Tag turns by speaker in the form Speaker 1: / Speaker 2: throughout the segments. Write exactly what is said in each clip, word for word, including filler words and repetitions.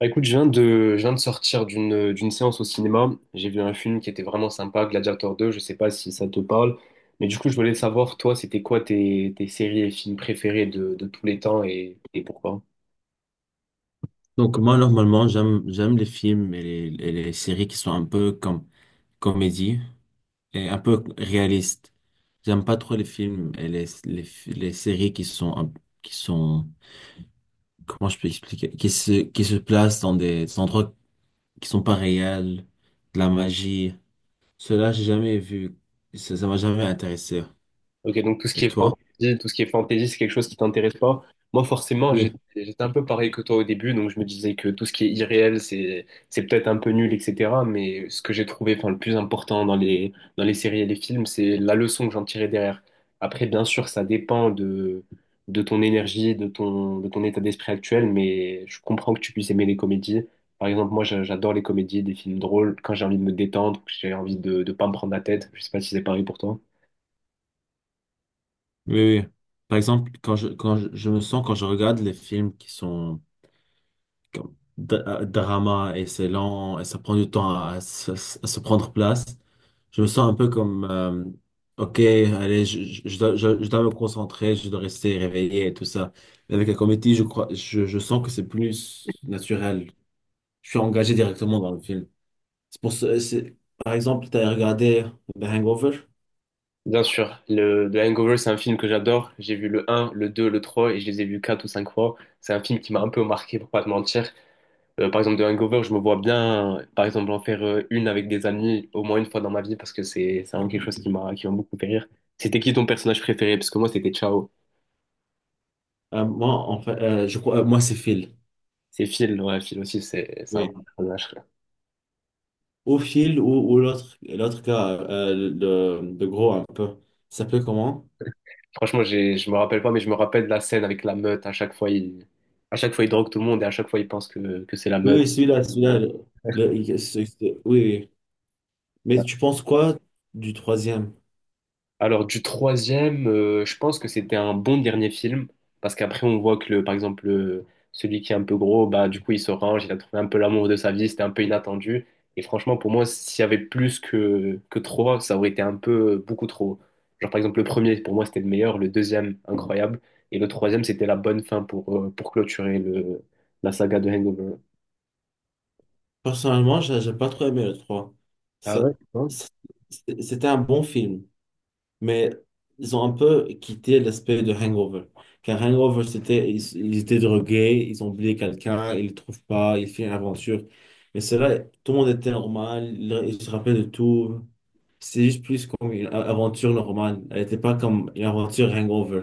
Speaker 1: Bah, écoute, je viens de, je viens de sortir d'une d'une séance au cinéma. J'ai vu un film qui était vraiment sympa, Gladiator deux. Je sais pas si ça te parle, mais du coup, je voulais savoir, toi, c'était quoi tes, tes séries et films préférés de, de tous les temps et, et pourquoi?
Speaker 2: Donc moi normalement j'aime j'aime les films et les, et les séries qui sont un peu comme comédie et un peu réaliste. J'aime pas trop les films et les, les, les séries qui sont un- qui sont, comment je peux expliquer, qui se qui se placent dans des endroits qui sont pas réels, de la magie. Cela, j'ai jamais vu. Ça, ça m'a jamais intéressé.
Speaker 1: Ok, donc tout ce
Speaker 2: Et
Speaker 1: qui est
Speaker 2: toi?
Speaker 1: fantasy, tout ce qui est fantasy, c'est quelque chose qui t'intéresse pas. Moi, forcément, j'étais
Speaker 2: Oui,
Speaker 1: j'étais un peu pareil que toi au début, donc je me disais que tout ce qui est irréel, c'est c'est peut-être un peu nul, et cetera. Mais ce que j'ai trouvé, enfin, le plus important dans les dans les séries et les films, c'est la leçon que j'en tirais derrière. Après, bien sûr, ça dépend de de ton énergie, de ton de ton état d'esprit actuel, mais je comprends que tu puisses aimer les comédies. Par exemple, moi, j'a- j'adore les comédies, des films drôles. Quand j'ai envie de me détendre, que j'ai envie de de pas me prendre la tête. Je sais pas si c'est pareil pour toi.
Speaker 2: oui, oui. Par exemple, quand je quand je, je me sens quand je regarde les films qui sont comme dra- euh, drama, et c'est lent, et ça prend du temps à, se à se prendre place. Je me sens un peu comme, euh, ok, allez, je, je, je dois, je, je dois me concentrer, je dois rester réveillé et tout ça. Mais avec la comédie, je crois, je, je sens que c'est plus naturel. Je suis engagé directement dans le film. C'est pour ce- c'est, par exemple, tu as regardé The Hangover.
Speaker 1: Bien sûr, le, The Hangover, c'est un film que j'adore. J'ai vu le un, le deux, le trois et je les ai vus quatre ou cinq fois. C'est un film qui m'a un peu marqué, pour pas te mentir. Euh, par exemple, The Hangover, je me vois bien, euh, par exemple, en faire euh, une avec des amis au moins une fois dans ma vie parce que c'est c'est vraiment quelque chose qui m'a qui m'a beaucoup fait rire. C'était qui ton personnage préféré? Parce que moi, c'était Ciao.
Speaker 2: Euh, moi, en fait, euh, je crois, euh, moi, c'est Phil.
Speaker 1: C'est Phil, ouais, Phil aussi, c'est c'est un
Speaker 2: Oui.
Speaker 1: bon personnage, quoi.
Speaker 2: Ou Phil, ou, ou l'autre, l'autre gars, euh, le, le gros un peu. Il s'appelait comment?
Speaker 1: Franchement, j'ai, je me rappelle pas, mais je me rappelle de la scène avec la meute. À chaque fois, il, à chaque fois, il drogue tout le monde et à chaque fois, il pense que, que c'est la
Speaker 2: Oui,
Speaker 1: meute.
Speaker 2: oui, celui-là, celui-là. Le- le- il- c'est- c'est- oui, oui. Mais tu penses quoi du troisième?
Speaker 1: Alors du troisième, euh, je pense que c'était un bon dernier film, parce qu'après on voit que le, par exemple le- celui qui est un peu gros, bah du coup il se range, il a trouvé un peu l'amour de sa vie, c'était un peu inattendu. Et franchement pour moi s'il y avait plus que que trois, ça aurait été un peu euh, beaucoup trop. Genre par exemple le premier pour moi c'était le meilleur, le deuxième incroyable, et le troisième c'était la bonne fin pour euh, pour clôturer le la saga de Hangover.
Speaker 2: Personnellement, j'ai j'ai pas trop aimé le trois.
Speaker 1: Ah ouais?
Speaker 2: Ça, c'est- c'était un bon film, mais ils ont un peu quitté l'aspect de Hangover. Car Hangover, c'était, ils, ils étaient drogués, ils ont oublié quelqu'un, ils le trouvent pas, ils font une aventure. Mais cela, tout le monde était normal, ils ils se rappellent de tout. C'est juste plus comme une a- aventure normale. Elle n'était pas comme une aventure Hangover.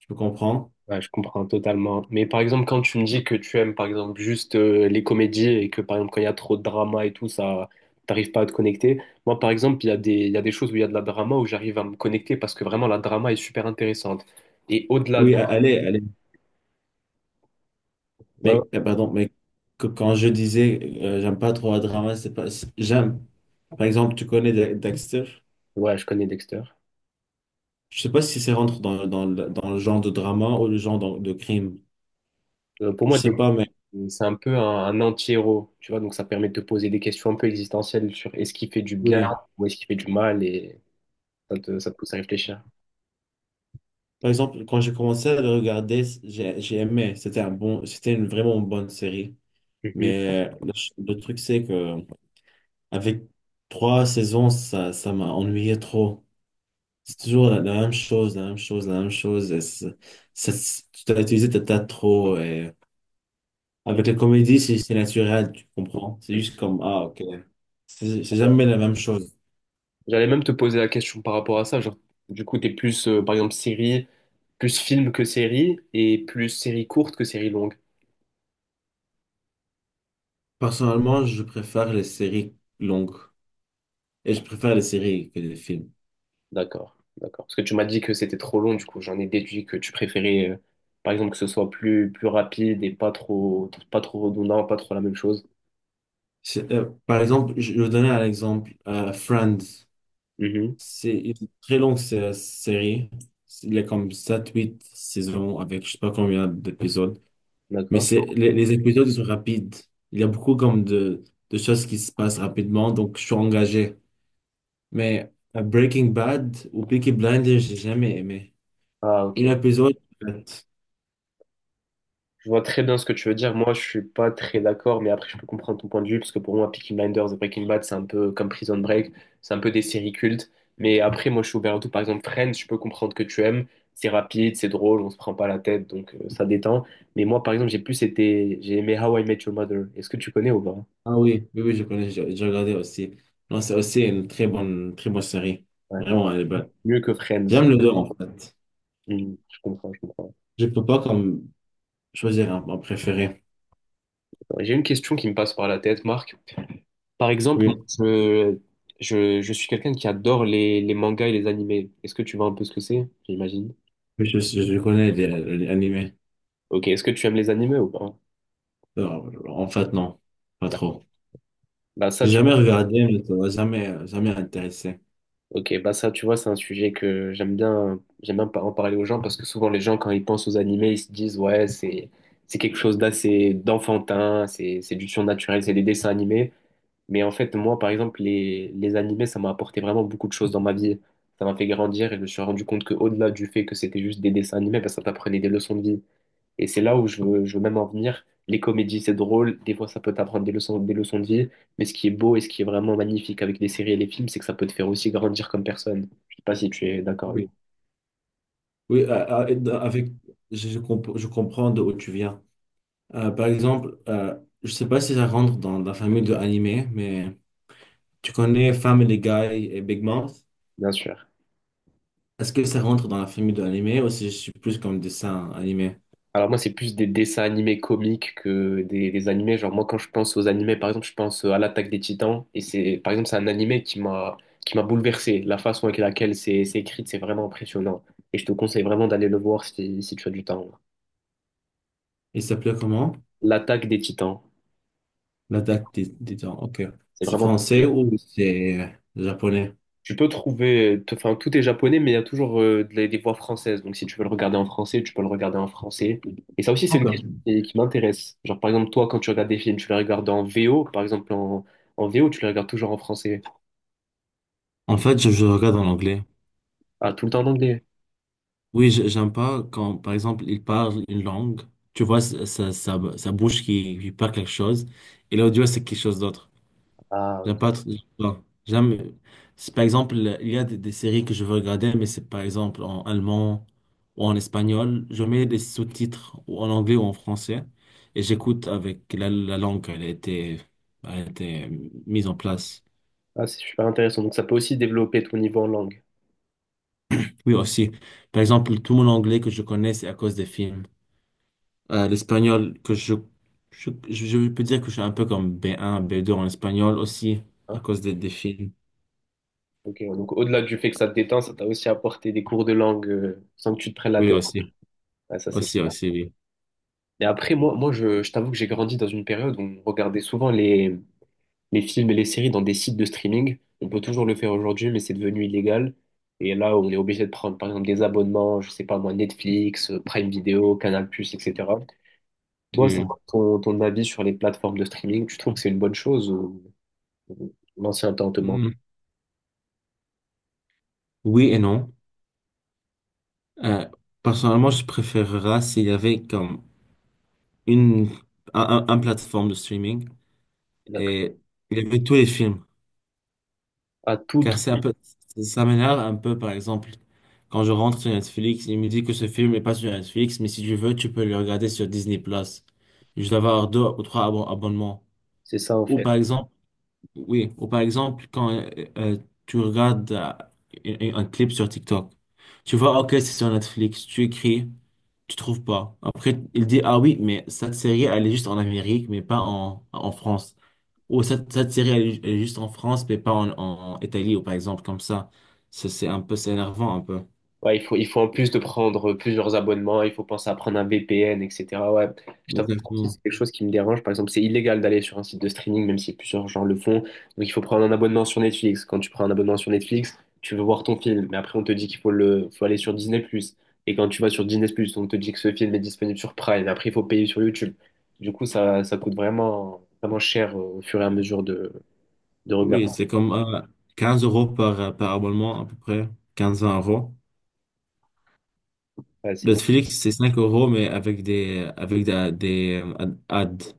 Speaker 2: Tu peux comprendre?
Speaker 1: Ouais, je comprends totalement. Mais par exemple, quand tu me dis que tu aimes, par exemple, juste euh, les comédies et que, par exemple, quand il y a trop de drama et tout, ça, t'arrives pas à te connecter. Moi, par exemple, il y a des, il y a des choses où il y a de la drama où j'arrive à me connecter parce que vraiment, la drama est super intéressante. Et au-delà de.
Speaker 2: Oui, a- allez, allez.
Speaker 1: Ouais, ouais,
Speaker 2: Mais, euh, pardon, mais que- quand je disais euh, j'aime pas trop un drama, c'est pas. c'est- J'aime. Par exemple, tu connais Da- Dexter.
Speaker 1: ouais, je connais Dexter.
Speaker 2: Je sais pas si c'est rentre dans, dans, le dans le genre de drama ou le genre de, de crime.
Speaker 1: Euh, pour
Speaker 2: Je
Speaker 1: moi,
Speaker 2: sais
Speaker 1: Dexter,
Speaker 2: pas, mais
Speaker 1: c'est un peu un, un anti-héros, tu vois, donc ça permet de te poser des questions un peu existentielles sur est-ce qu'il fait du bien
Speaker 2: oui.
Speaker 1: ou est-ce qu'il fait du mal et ça te, ça te pousse à réfléchir.
Speaker 2: Par exemple, quand j'ai commencé à le regarder, c- j'ai j'ai aimé. C'était un bon, c'était une vraiment bonne série. Mais euh, le, ch- le truc, c'est que avec trois saisons, ça, ça m'a ennuyé trop. C'est toujours la, la même chose, la même chose, la même chose. Et c'est- ça- c'est- tu t'as utilisé ta tas trop. Et...
Speaker 1: Mhm.
Speaker 2: Avec la comédie, c'est c'est naturel, tu comprends. C'est juste comme, ah, ok. C'est c'est jamais la même chose.
Speaker 1: J'allais même te poser la question par rapport à ça. Genre, du coup, t'es plus, euh, par exemple, série, plus film que série, et plus série courte que série longue.
Speaker 2: Personnellement, je préfère les séries longues. Et je préfère les séries que les films.
Speaker 1: D'accord, d'accord. Parce que tu m'as dit que c'était trop long, du coup, j'en ai déduit que tu préférais, euh, par exemple, que ce soit plus, plus rapide et pas trop, pas trop redondant, pas trop la même chose.
Speaker 2: C'est- euh, par exemple, je je vais donner un exemple. euh, Friends.
Speaker 1: Mhm,
Speaker 2: C'est une très longue sé- série. Il y a comme sept huit saisons avec je sais pas combien d'épisodes. Mais
Speaker 1: d'accord.
Speaker 2: c'est, les, les épisodes, ils sont rapides. Il y a beaucoup comme de, de choses qui se passent rapidement, donc je suis engagé. Mais euh, Breaking Bad ou Peaky Blinders, j'ai jamais aimé.
Speaker 1: Ah,
Speaker 2: Une
Speaker 1: ok.
Speaker 2: épisode, en fait.
Speaker 1: Je vois très bien ce que tu veux dire. Moi, je suis pas très d'accord, mais après, je peux comprendre ton point de vue, parce que pour moi, Peaky Blinders et Breaking Bad, c'est un peu comme Prison Break, c'est un peu des séries cultes. Mais après, moi, je suis ouvert à tout. Par exemple, Friends, je peux comprendre que tu aimes. C'est rapide, c'est drôle, on se prend pas la tête, donc euh, ça détend. Mais moi, par exemple, j'ai plus été, j'ai aimé How I Met Your Mother. Est-ce que tu connais ou pas?
Speaker 2: Ah oui, oui, oui, je connais, j'ai j'ai regardé aussi. Non, c'est aussi une très bonne, très bonne série.
Speaker 1: Ouais, moi,
Speaker 2: Vraiment, elle est bonne.
Speaker 1: c'est mieux que Friends.
Speaker 2: J'aime les deux, en fait.
Speaker 1: Hmm, je comprends, je comprends.
Speaker 2: Je peux pas comme choisir un, un préféré.
Speaker 1: J'ai une question qui me passe par la tête, Marc. Par exemple, moi,
Speaker 2: Oui,
Speaker 1: je, je, je suis quelqu'un qui adore les, les mangas et les animés. Est-ce que tu vois un peu ce que c'est, j'imagine?
Speaker 2: mais je, je connais les, les animés.
Speaker 1: Ok, est-ce que tu aimes les animés ou pas?
Speaker 2: Alors, en fait, non, pas
Speaker 1: Bah,
Speaker 2: trop.
Speaker 1: bah ça,
Speaker 2: J'ai
Speaker 1: tu vois,
Speaker 2: jamais regardé, mais ça m'a jamais, euh, jamais intéressé.
Speaker 1: ok, bah ça, tu vois, c'est un sujet que j'aime bien, j'aime bien par- en parler aux gens parce que souvent les gens, quand ils pensent aux animés, ils se disent, ouais, c'est, c'est quelque chose d'assez d'enfantin, c'est, c'est du surnaturel, c'est des dessins animés. Mais en fait, moi, par exemple, les, les animés, ça m'a apporté vraiment beaucoup de choses dans ma vie. Ça m'a fait grandir et je me suis rendu compte que au-delà du fait que c'était juste des dessins animés, bah, ça t'apprenait des leçons de vie. Et c'est là où je veux, je veux même en venir. Les comédies, c'est drôle. Des fois, ça peut t'apprendre des leçons, des leçons de vie. Mais ce qui est beau et ce qui est vraiment magnifique avec les séries et les films, c'est que ça peut te faire aussi grandir comme personne. Je sais pas si tu es d'accord avec
Speaker 2: Oui,
Speaker 1: moi.
Speaker 2: oui, euh, euh, et avec, je, je comp- je comprends d'où tu viens. Euh, par exemple, euh, je sais pas si ça rentre dans la famille de animé, mais tu connais Family Guy et Big Mouth?
Speaker 1: Bien sûr.
Speaker 2: Est-ce que ça rentre dans la famille de animé ou si je suis plus comme dessin animé?
Speaker 1: Alors moi, c'est plus des dessins animés comiques que des, des animés. Genre moi, quand je pense aux animés, par exemple, je pense à l'Attaque des Titans. Et c'est, par exemple, c'est un animé qui m'a qui m'a bouleversé. La façon avec laquelle c'est c'est écrit, c'est vraiment impressionnant. Et je te conseille vraiment d'aller le voir si, si tu as du temps.
Speaker 2: Il s'appelait comment?
Speaker 1: L'Attaque des Titans,
Speaker 2: L'Attaque des, des Titans. Ok.
Speaker 1: c'est
Speaker 2: C'est
Speaker 1: vraiment.
Speaker 2: français ou c'est japonais?
Speaker 1: Tu peux trouver, t- enfin tout est japonais, mais il y a toujours euh, des, des voix françaises. Donc si tu veux le regarder en français, tu peux le regarder en français. Et ça aussi, c'est une
Speaker 2: Ok.
Speaker 1: question qui, qui m'intéresse. Genre par exemple, toi, quand tu regardes des films, tu les regardes en V O, par exemple en, en V O, tu les regardes toujours en français.
Speaker 2: En fait, je, je regarde en anglais.
Speaker 1: Ah, tout le temps en anglais.
Speaker 2: Oui, je- j'aime pas quand, par exemple, il parle une langue, tu vois sa, sa, sa, sa bouche qui, qui parle quelque chose, et l'audio, c'est quelque chose d'autre.
Speaker 1: Ah,
Speaker 2: J'aime pas, tr- non, j'aime, c'est par exemple, il y a des, des séries que je veux regarder, mais c'est par exemple en allemand ou en espagnol, je mets des sous-titres ou en anglais ou en français, et j'écoute avec la, la langue, elle a été, elle a été mise en place.
Speaker 1: ah, c'est super intéressant. Donc ça peut aussi développer ton niveau en langue.
Speaker 2: Oui, aussi, par exemple, tout mon anglais que je connais, c'est à cause des films. Euh, l'espagnol, que je, je, je je peux dire que je suis un peu comme B un, B deux en espagnol aussi, à
Speaker 1: Hein.
Speaker 2: cause des, des films.
Speaker 1: Ok, ouais, Donc au-delà du fait que ça te détend, ça t'a aussi apporté des cours de langue euh, sans que tu te prennes la
Speaker 2: Oui,
Speaker 1: tête.
Speaker 2: aussi.
Speaker 1: Ah, ça c'est
Speaker 2: Aussi,
Speaker 1: super.
Speaker 2: aussi, oui.
Speaker 1: Et après, moi, moi je, je t'avoue que j'ai grandi dans une période où on regardait souvent les les films et les séries dans des sites de streaming. On peut toujours le faire aujourd'hui, mais c'est devenu illégal. Et là, on est obligé de prendre, par exemple, des abonnements, je sais pas moi, Netflix, euh, Prime Video, Canal+, et cetera. Toi, c'est
Speaker 2: Oui, oui.
Speaker 1: quoi ton, ton avis sur les plateformes de streaming? Tu trouves que c'est une bonne chose ou ou l'ancien temps te manque?
Speaker 2: Mm. Oui et non. Euh, Personnellement, je préférerais s'il y avait comme une, un, un- un plateforme de streaming
Speaker 1: D'accord.
Speaker 2: et il y avait tous les films.
Speaker 1: À tout,
Speaker 2: Car
Speaker 1: tout.
Speaker 2: c'est un peu, ça m'énerve un peu, par exemple, quand je rentre sur Netflix, il me dit que ce film n'est pas sur Netflix, mais si tu veux, tu peux le regarder sur Disney+. Plus je dois avoir deux ou trois abo- abonnements.
Speaker 1: C'est ça en
Speaker 2: Ou
Speaker 1: fait.
Speaker 2: par exemple, oui, ou par exemple, quand euh, euh, tu regardes euh, un, un clip sur TikTok, tu vois, ok, c'est sur Netflix, tu écris, tu trouves pas. Après, il dit, ah oui, mais cette série, elle est juste en Amérique, mais pas en, en France. Ou cette, cette série, elle est, elle est juste en France, mais pas en, en Italie, ou par exemple, comme ça. Ça, c'est un peu, c'est énervant, un peu.
Speaker 1: Ouais, il faut, il faut en plus de prendre euh, plusieurs abonnements, il faut penser à prendre un V P N, et cetera. Ouais, je t'avoue que aussi,
Speaker 2: Exactement.
Speaker 1: c'est quelque chose qui me dérange. Par exemple, c'est illégal d'aller sur un site de streaming, même si plusieurs gens le font. Donc, il faut prendre un abonnement sur Netflix. Quand tu prends un abonnement sur Netflix, tu veux voir ton film, mais après, on te dit qu'il faut le, faut aller sur Disney+ plus. Et quand tu vas sur Disney+, plus on te dit que ce film est disponible sur Prime. Après, il faut payer sur YouTube. Du coup, ça, ça coûte vraiment, vraiment cher euh, au fur et à mesure de, de
Speaker 2: Oui,
Speaker 1: regarder.
Speaker 2: c'est comme euh, quinze euros par, par abonnement, à peu près, quinze-vingt euros.
Speaker 1: Ouais, c'est beaucoup.
Speaker 2: Netflix, c'est cinq euros, mais avec des, avec des, des euh, ad- ads.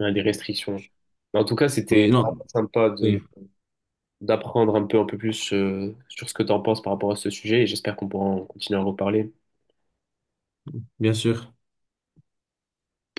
Speaker 1: Il y a des restrictions. Mais en tout cas, c'était
Speaker 2: Oui, non,
Speaker 1: vraiment sympa de
Speaker 2: oui,
Speaker 1: d'apprendre un peu, un peu plus euh, sur ce que tu en penses par rapport à ce sujet et j'espère qu'on pourra en continuer à en reparler.
Speaker 2: bien sûr.